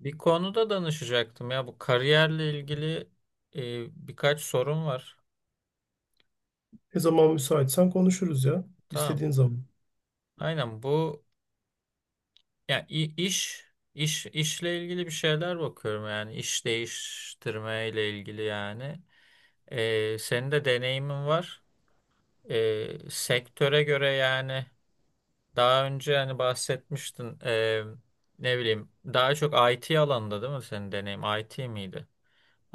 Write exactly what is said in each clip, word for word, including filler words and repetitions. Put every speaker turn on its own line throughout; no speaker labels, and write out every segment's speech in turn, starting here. Bir konuda danışacaktım ya, bu kariyerle ilgili e, birkaç sorun var.
Ne zaman müsaitsen konuşuruz ya.
Tamam.
İstediğin zaman.
Aynen bu, yani iş iş işle ilgili bir şeyler bakıyorum, yani iş değiştirme ile ilgili yani. E, senin de deneyimin var. E, sektöre göre yani, daha önce hani bahsetmiştin, e, ne bileyim, daha çok I T alanında değil mi senin deneyim? I T miydi?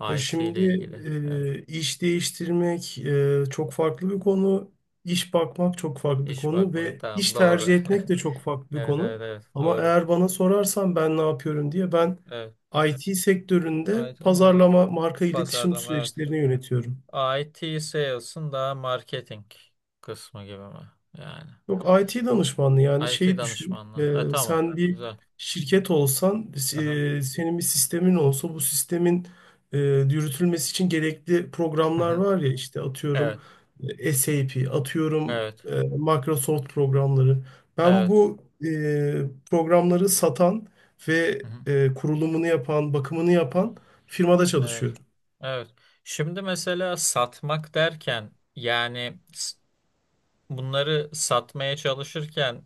E
I T
şimdi
ile ilgili. Evet.
e, iş değiştirmek e, çok farklı bir konu. İş bakmak çok farklı bir
İş
konu
bakmak,
ve
tamam,
iş
doğru.
tercih etmek de çok farklı bir
Evet,
konu.
evet, evet,
Ama
doğru.
eğer bana sorarsan ben ne yapıyorum diye ben
Evet.
I T sektöründe
I T, evet.
pazarlama, marka iletişim
Pazarlama, evet.
süreçlerini yönetiyorum.
I T sales'ın daha marketing kısmı gibi mi? Yani
Yok, I T danışmanlığı, yani
I T
şeyi düşün.
danışmanlığı. Ha,
Ee,
tamam.
sen bir
Güzel.
şirket olsan, e,
Aha.
senin bir sistemin olsa, bu sistemin e, yürütülmesi için gerekli
Hı
programlar
hı.
var ya, işte atıyorum
Evet.
e, SAP, atıyorum
Evet.
e, Microsoft programları. Ben
Evet.
bu e, programları satan ve
Hı hı.
e, kurulumunu yapan, bakımını yapan firmada
Evet.
çalışıyorum.
Evet. Şimdi mesela satmak derken yani, s- bunları satmaya çalışırken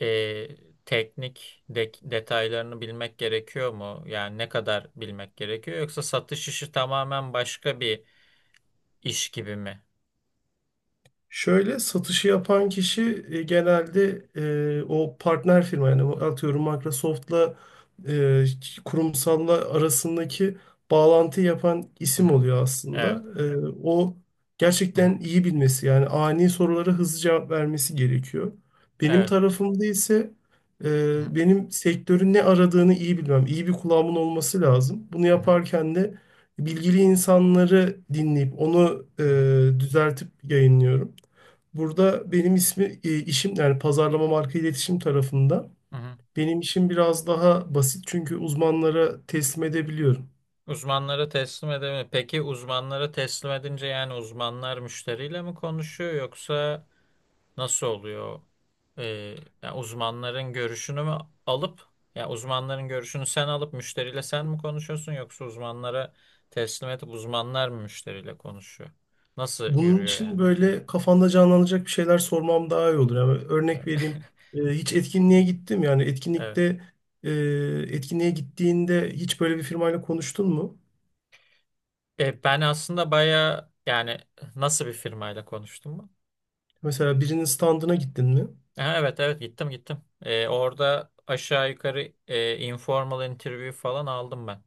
e, teknik de- detaylarını bilmek gerekiyor mu? Yani ne kadar bilmek gerekiyor? Yoksa satış işi tamamen başka bir iş gibi mi?
Şöyle, satışı yapan kişi e, genelde e, o partner firma, yani o atıyorum Microsoft'la e, kurumsalla arasındaki bağlantı yapan
Hı
isim
hı.
oluyor
Evet.
aslında. E, o
Hı hı.
gerçekten iyi bilmesi, yani ani sorulara hızlı cevap vermesi gerekiyor. Benim
Evet.
tarafımda ise
Hı hı.
e, benim sektörün ne aradığını iyi bilmem, iyi bir kulağımın olması lazım. Bunu
Hı hı.
yaparken de bilgili insanları dinleyip onu e,
Hı hı.
düzeltip yayınlıyorum. Burada benim ismi e, işim yani pazarlama, marka iletişim tarafında.
Hı hı.
Benim işim biraz daha basit çünkü uzmanlara teslim edebiliyorum.
Uzmanlara teslim edemiyor. Peki, uzmanlara teslim edince yani uzmanlar müşteriyle mi konuşuyor yoksa nasıl oluyor? Ee, yani uzmanların görüşünü mü alıp, ya uzmanların görüşünü sen alıp müşteriyle sen mi konuşuyorsun yoksa uzmanlara teslim edip uzmanlar mı müşteriyle konuşuyor? Nasıl
Bunun
yürüyor
için
yani? O?
böyle kafanda canlanacak bir şeyler sormam daha iyi olur. Yani
Evet.
örnek vereyim. E, hiç etkinliğe gittim, yani
Evet.
etkinlikte e, etkinliğe gittiğinde hiç böyle bir firmayla konuştun mu?
E, ben aslında baya, yani nasıl bir firmayla konuştum mu?
Mesela birinin standına gittin mi?
Ha, evet, evet, gittim, gittim. E, orada aşağı yukarı e, informal interview falan aldım ben.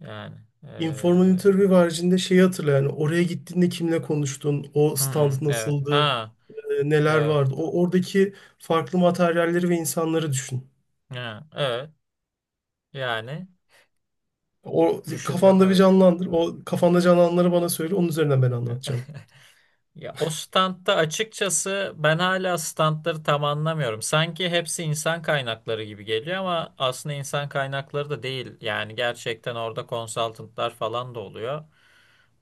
Yani e,
Informal interview
e,
haricinde şeyi hatırla, yani oraya gittiğinde kimle konuştun? O stand
hmm, evet,
nasıldı?
ha
E, neler
evet.
vardı. O oradaki farklı materyalleri ve insanları düşün.
Ha, evet. Yani
O
düşündüm,
kafanda bir
evet.
canlandır. O kafanda canlananları bana söyle. Onun üzerinden ben
Evet.
anlatacağım.
Ya, o standta açıkçası ben hala standları tam anlamıyorum. Sanki hepsi insan kaynakları gibi geliyor ama aslında insan kaynakları da değil. Yani gerçekten orada consultantlar falan da oluyor.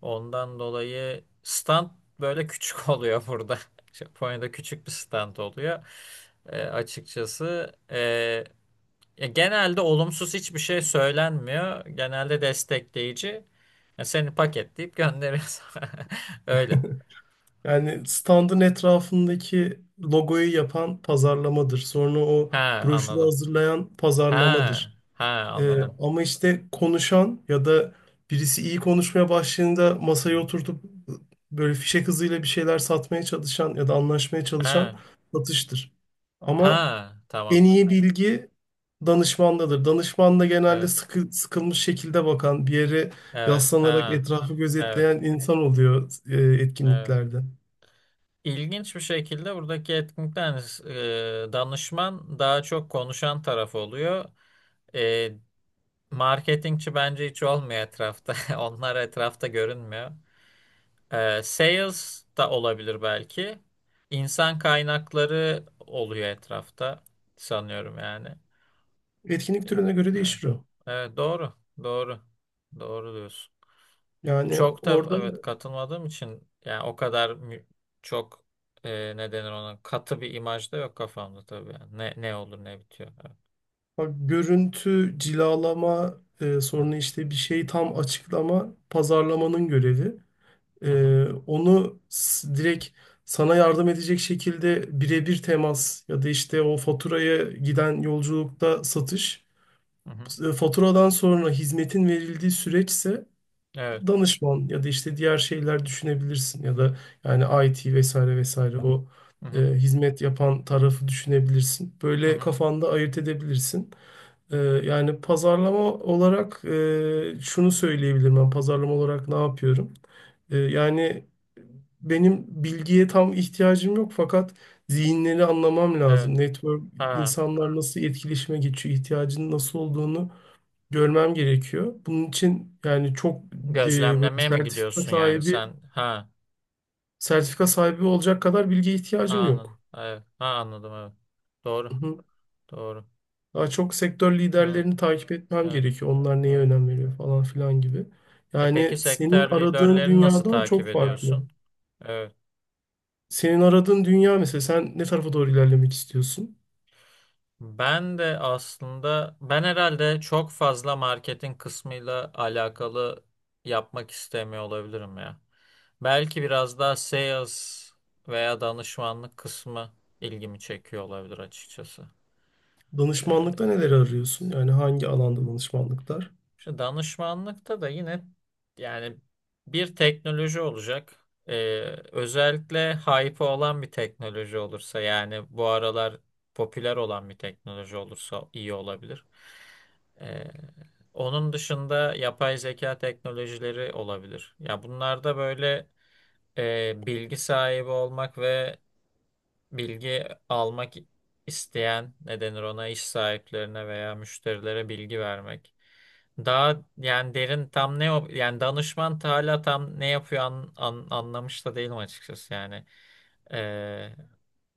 Ondan dolayı stand böyle küçük oluyor burada. Japonya'da küçük bir stand oluyor. E, açıkçası. e, Ya genelde olumsuz hiçbir şey söylenmiyor. Genelde destekleyici. Ya seni paketleyip gönderiyor. Öyle.
Yani standın etrafındaki logoyu yapan pazarlamadır. Sonra o
Ha,
broşürü
anladım.
hazırlayan
Ha,
pazarlamadır.
ha,
E,
anladım.
ama işte konuşan ya da birisi iyi konuşmaya başladığında masaya oturtup e, böyle fişek hızıyla bir şeyler satmaya çalışan ya da anlaşmaya çalışan
Ha,
satıştır. Ama
ha,
En
tamam.
iyi bilgi danışmandadır. Danışman da genelde
Evet.
sıkı, sıkılmış şekilde bakan, bir yere
Evet.
yaslanarak
Ha.
etrafı
Evet.
gözetleyen insan oluyor e,
Evet.
etkinliklerde.
İlginç bir şekilde buradaki etkinlikten e, danışman daha çok konuşan taraf oluyor. E, marketingçi bence hiç olmuyor etrafta. Onlar etrafta görünmüyor. Ee, sales da olabilir belki. İnsan kaynakları oluyor etrafta sanıyorum yani.
Etkinlik
Ee,
türüne göre
Evet.
değişir o.
Evet, doğru. Doğru. Doğru diyorsun.
Yani
Çok da
orada
evet katılmadığım için yani o kadar mü- çok e, ne denir ona, katı bir imaj da yok kafamda tabii yani. Ne ne olur, ne bitiyor. Evet.
bak, görüntü, cilalama, e,
Evet.
sonra işte bir şeyi tam açıklama, pazarlamanın görevi.
Hı hı.
E, onu s- direkt sana yardım edecek şekilde birebir temas ya da işte o faturaya giden yolculukta satış.
Hı hı.
E, Faturadan sonra hizmetin verildiği süreçse
Evet.
danışman ya da işte diğer şeyler düşünebilirsin ya da yani I T vesaire vesaire, o
Hı
e,
hı.
hizmet yapan tarafı düşünebilirsin.
Hı
Böyle
hı.
kafanda ayırt edebilirsin. E, yani pazarlama olarak e, şunu söyleyebilirim, ben pazarlama olarak ne yapıyorum? E, yani benim bilgiye tam ihtiyacım yok, fakat zihinleri anlamam
Evet.
lazım. Network,
Ha,
insanlar nasıl etkileşime geçiyor, ihtiyacının nasıl olduğunu görmem gerekiyor. Bunun için, yani çok e, böyle
gözlemlemeye mi
sertifika
gidiyorsun yani
sahibi,
sen? Ha.
sertifika sahibi olacak kadar bilgiye
Ha,
ihtiyacım
anladım.
yok.
Evet. Ha, anladım, evet.
Hı
Doğru.
hı.
Doğru.
Daha çok sektör
Evet.
liderlerini takip etmem
Evet.
gerekiyor. Onlar neye
Evet.
önem veriyor falan filan gibi.
E peki
Yani senin
sektör
aradığın
liderlerini nasıl
dünyadan
takip
çok farklı.
ediyorsun? Evet.
Senin aradığın dünya, mesela sen ne tarafa doğru ilerlemek istiyorsun?
Ben de aslında ben herhalde çok fazla marketin kısmıyla alakalı yapmak istemiyor olabilirim ya. Belki biraz daha sales veya danışmanlık kısmı ilgimi çekiyor olabilir açıkçası.
Danışmanlıkta neleri arıyorsun? Yani hangi alanda danışmanlıklar?
İşte danışmanlıkta da yine yani bir teknoloji olacak. Ee, özellikle hype olan bir teknoloji olursa, yani bu aralar popüler olan bir teknoloji olursa iyi olabilir. Ee, onun dışında yapay zeka teknolojileri olabilir. Ya bunlarda böyle e, bilgi sahibi olmak ve bilgi almak isteyen, ne denir ona, iş sahiplerine veya müşterilere bilgi vermek. Daha yani derin tam ne yap- yani danışman ta hala tam ne yapıyor, an, an- anlamış da değilim açıkçası yani. Ee,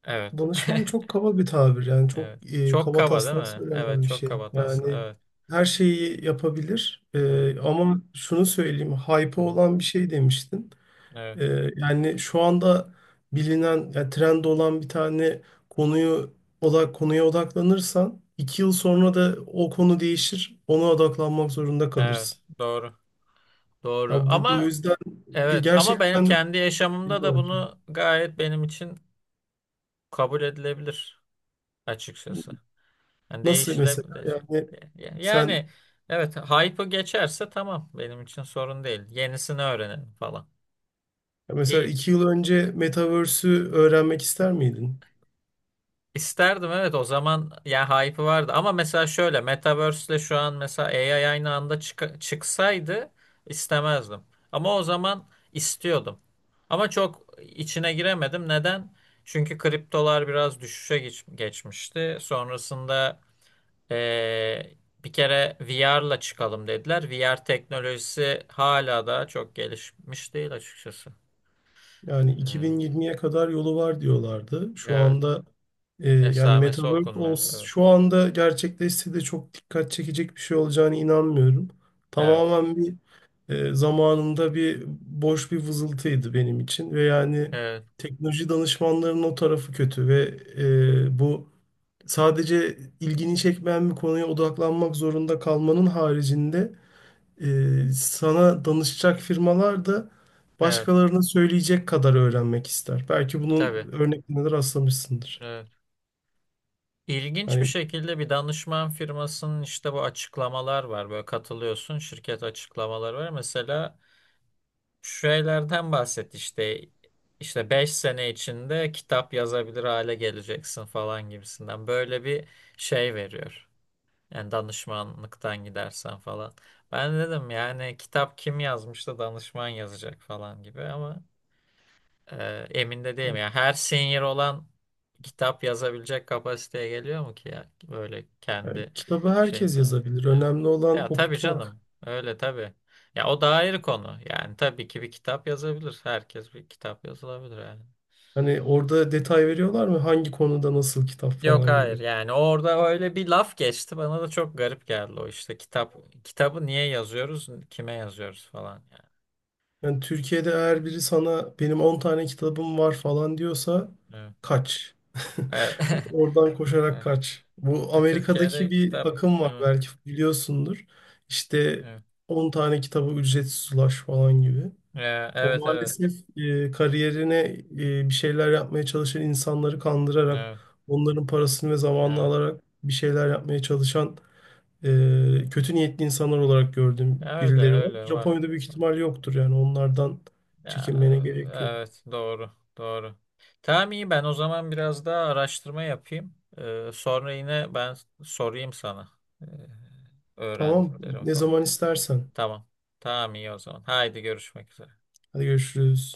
evet.
Danışman çok kaba bir tabir, yani çok
Evet.
e,
Çok
kaba
kaba değil
taslak
mi? Evet,
söylenen bir
çok
şey.
kaba aslında.
Yani
Evet.
her şeyi yapabilir.
Evet.
E, ama şunu söyleyeyim,
Hı
hype
hı.
olan bir şey demiştin.
Evet.
E, Yani şu anda bilinen, yani trend olan bir tane konuyu, odak konuya odaklanırsan iki yıl sonra da o konu değişir, ona odaklanmak zorunda
Evet.
kalırsın.
Doğru. Doğru.
Ya, burada o
Ama
yüzden e,
evet, ama benim
gerçekten
kendi yaşamımda da bunu gayet benim için kabul edilebilir açıkçası. Yani
nasıl, mesela
değişilebilir.
yani sen...
Yani evet, hype'ı geçerse tamam, benim için sorun değil. Yenisini öğrenelim falan.
Ya mesela
İyi.
iki yıl önce Metaverse'ü öğrenmek ister miydin?
İsterdim evet, o zaman ya hype'ı vardı, ama mesela şöyle Metaverse'le şu an mesela A I aynı anda çık çıksaydı istemezdim. Ama o zaman istiyordum. Ama çok içine giremedim. Neden? Çünkü kriptolar biraz düşüşe geç- geçmişti. Sonrasında Ee, bir kere V R'la çıkalım dediler. V R teknolojisi hala da çok gelişmiş değil açıkçası.
Yani
Ee,
iki bin yirmiye kadar yolu var diyorlardı. Şu
evet.
anda e, yani
Esamesi
Metaverse
okunmuyor.
ols-
Evet.
şu anda gerçekleşse de çok dikkat çekecek bir şey olacağına inanmıyorum.
Evet.
Tamamen bir e, zamanında bir boş bir vızıltıydı benim için, ve yani
Evet.
teknoloji danışmanlarının o tarafı kötü ve e, bu, sadece ilgini çekmeyen bir konuya odaklanmak zorunda kalmanın haricinde, Ee, sana danışacak firmalar da
Evet.
başkalarına söyleyecek kadar öğrenmek ister. Belki
Tabii.
bunun örneklerine de rastlamışsındır.
Evet. İlginç bir
Hani,
şekilde bir danışman firmasının işte bu açıklamalar var. Böyle katılıyorsun, şirket açıklamaları var. Mesela şu şeylerden bahset işte, işte beş sene içinde kitap yazabilir hale geleceksin falan gibisinden. Böyle bir şey veriyor. Yani danışmanlıktan gidersen falan. Ben dedim yani, kitap kim yazmış da danışman yazacak falan gibi, ama e, emin de değilim. Ya her senior olan kitap yazabilecek kapasiteye geliyor mu ki ya? Böyle
yani
kendi
kitabı
şey.
herkes yazabilir.
Evet.
Önemli
Ya,
olan
tabii
okutmak.
canım. Öyle tabii. Ya, o da ayrı konu. Yani tabii ki bir kitap yazabilir. Herkes bir kitap yazılabilir yani.
Hani orada detay veriyorlar mı? Hangi konuda nasıl kitap
Yok,
falan
hayır,
gibi.
yani orada öyle bir laf geçti, bana da çok garip geldi o işte, kitap kitabı niye yazıyoruz, kime yazıyoruz falan yani.
Yani Türkiye'de eğer biri sana benim on tane kitabım var falan diyorsa,
Evet.
kaç.
Evet.
Oradan koşarak
Evet.
kaç. Bu
E,
Amerika'daki
Türkiye'de
bir
kitap,
akım, var
evet,
belki biliyorsundur. İşte
evet,
on tane kitabı ücretsiz ulaş falan gibi.
E,
O
evet, evet,
maalesef e, kariyerine e, bir şeyler yapmaya çalışan insanları kandırarak,
evet,
onların parasını ve zamanını
evet.
alarak bir şeyler yapmaya çalışan e, kötü niyetli insanlar olarak gördüğüm
Ya öyle,
birileri var.
öyle var.
Japonya'da büyük ihtimal yoktur, yani onlardan
Ya,
çekinmene gerek yok.
evet, doğru, doğru. Tamam, iyi, ben o zaman biraz daha araştırma yapayım. Ee, sonra yine ben sorayım sana. Ee,
Tamam,
öğrendiklerim
ne
falan.
zaman istersen.
Tamam. Tamam, iyi o zaman. Haydi görüşmek üzere.
Hadi görüşürüz.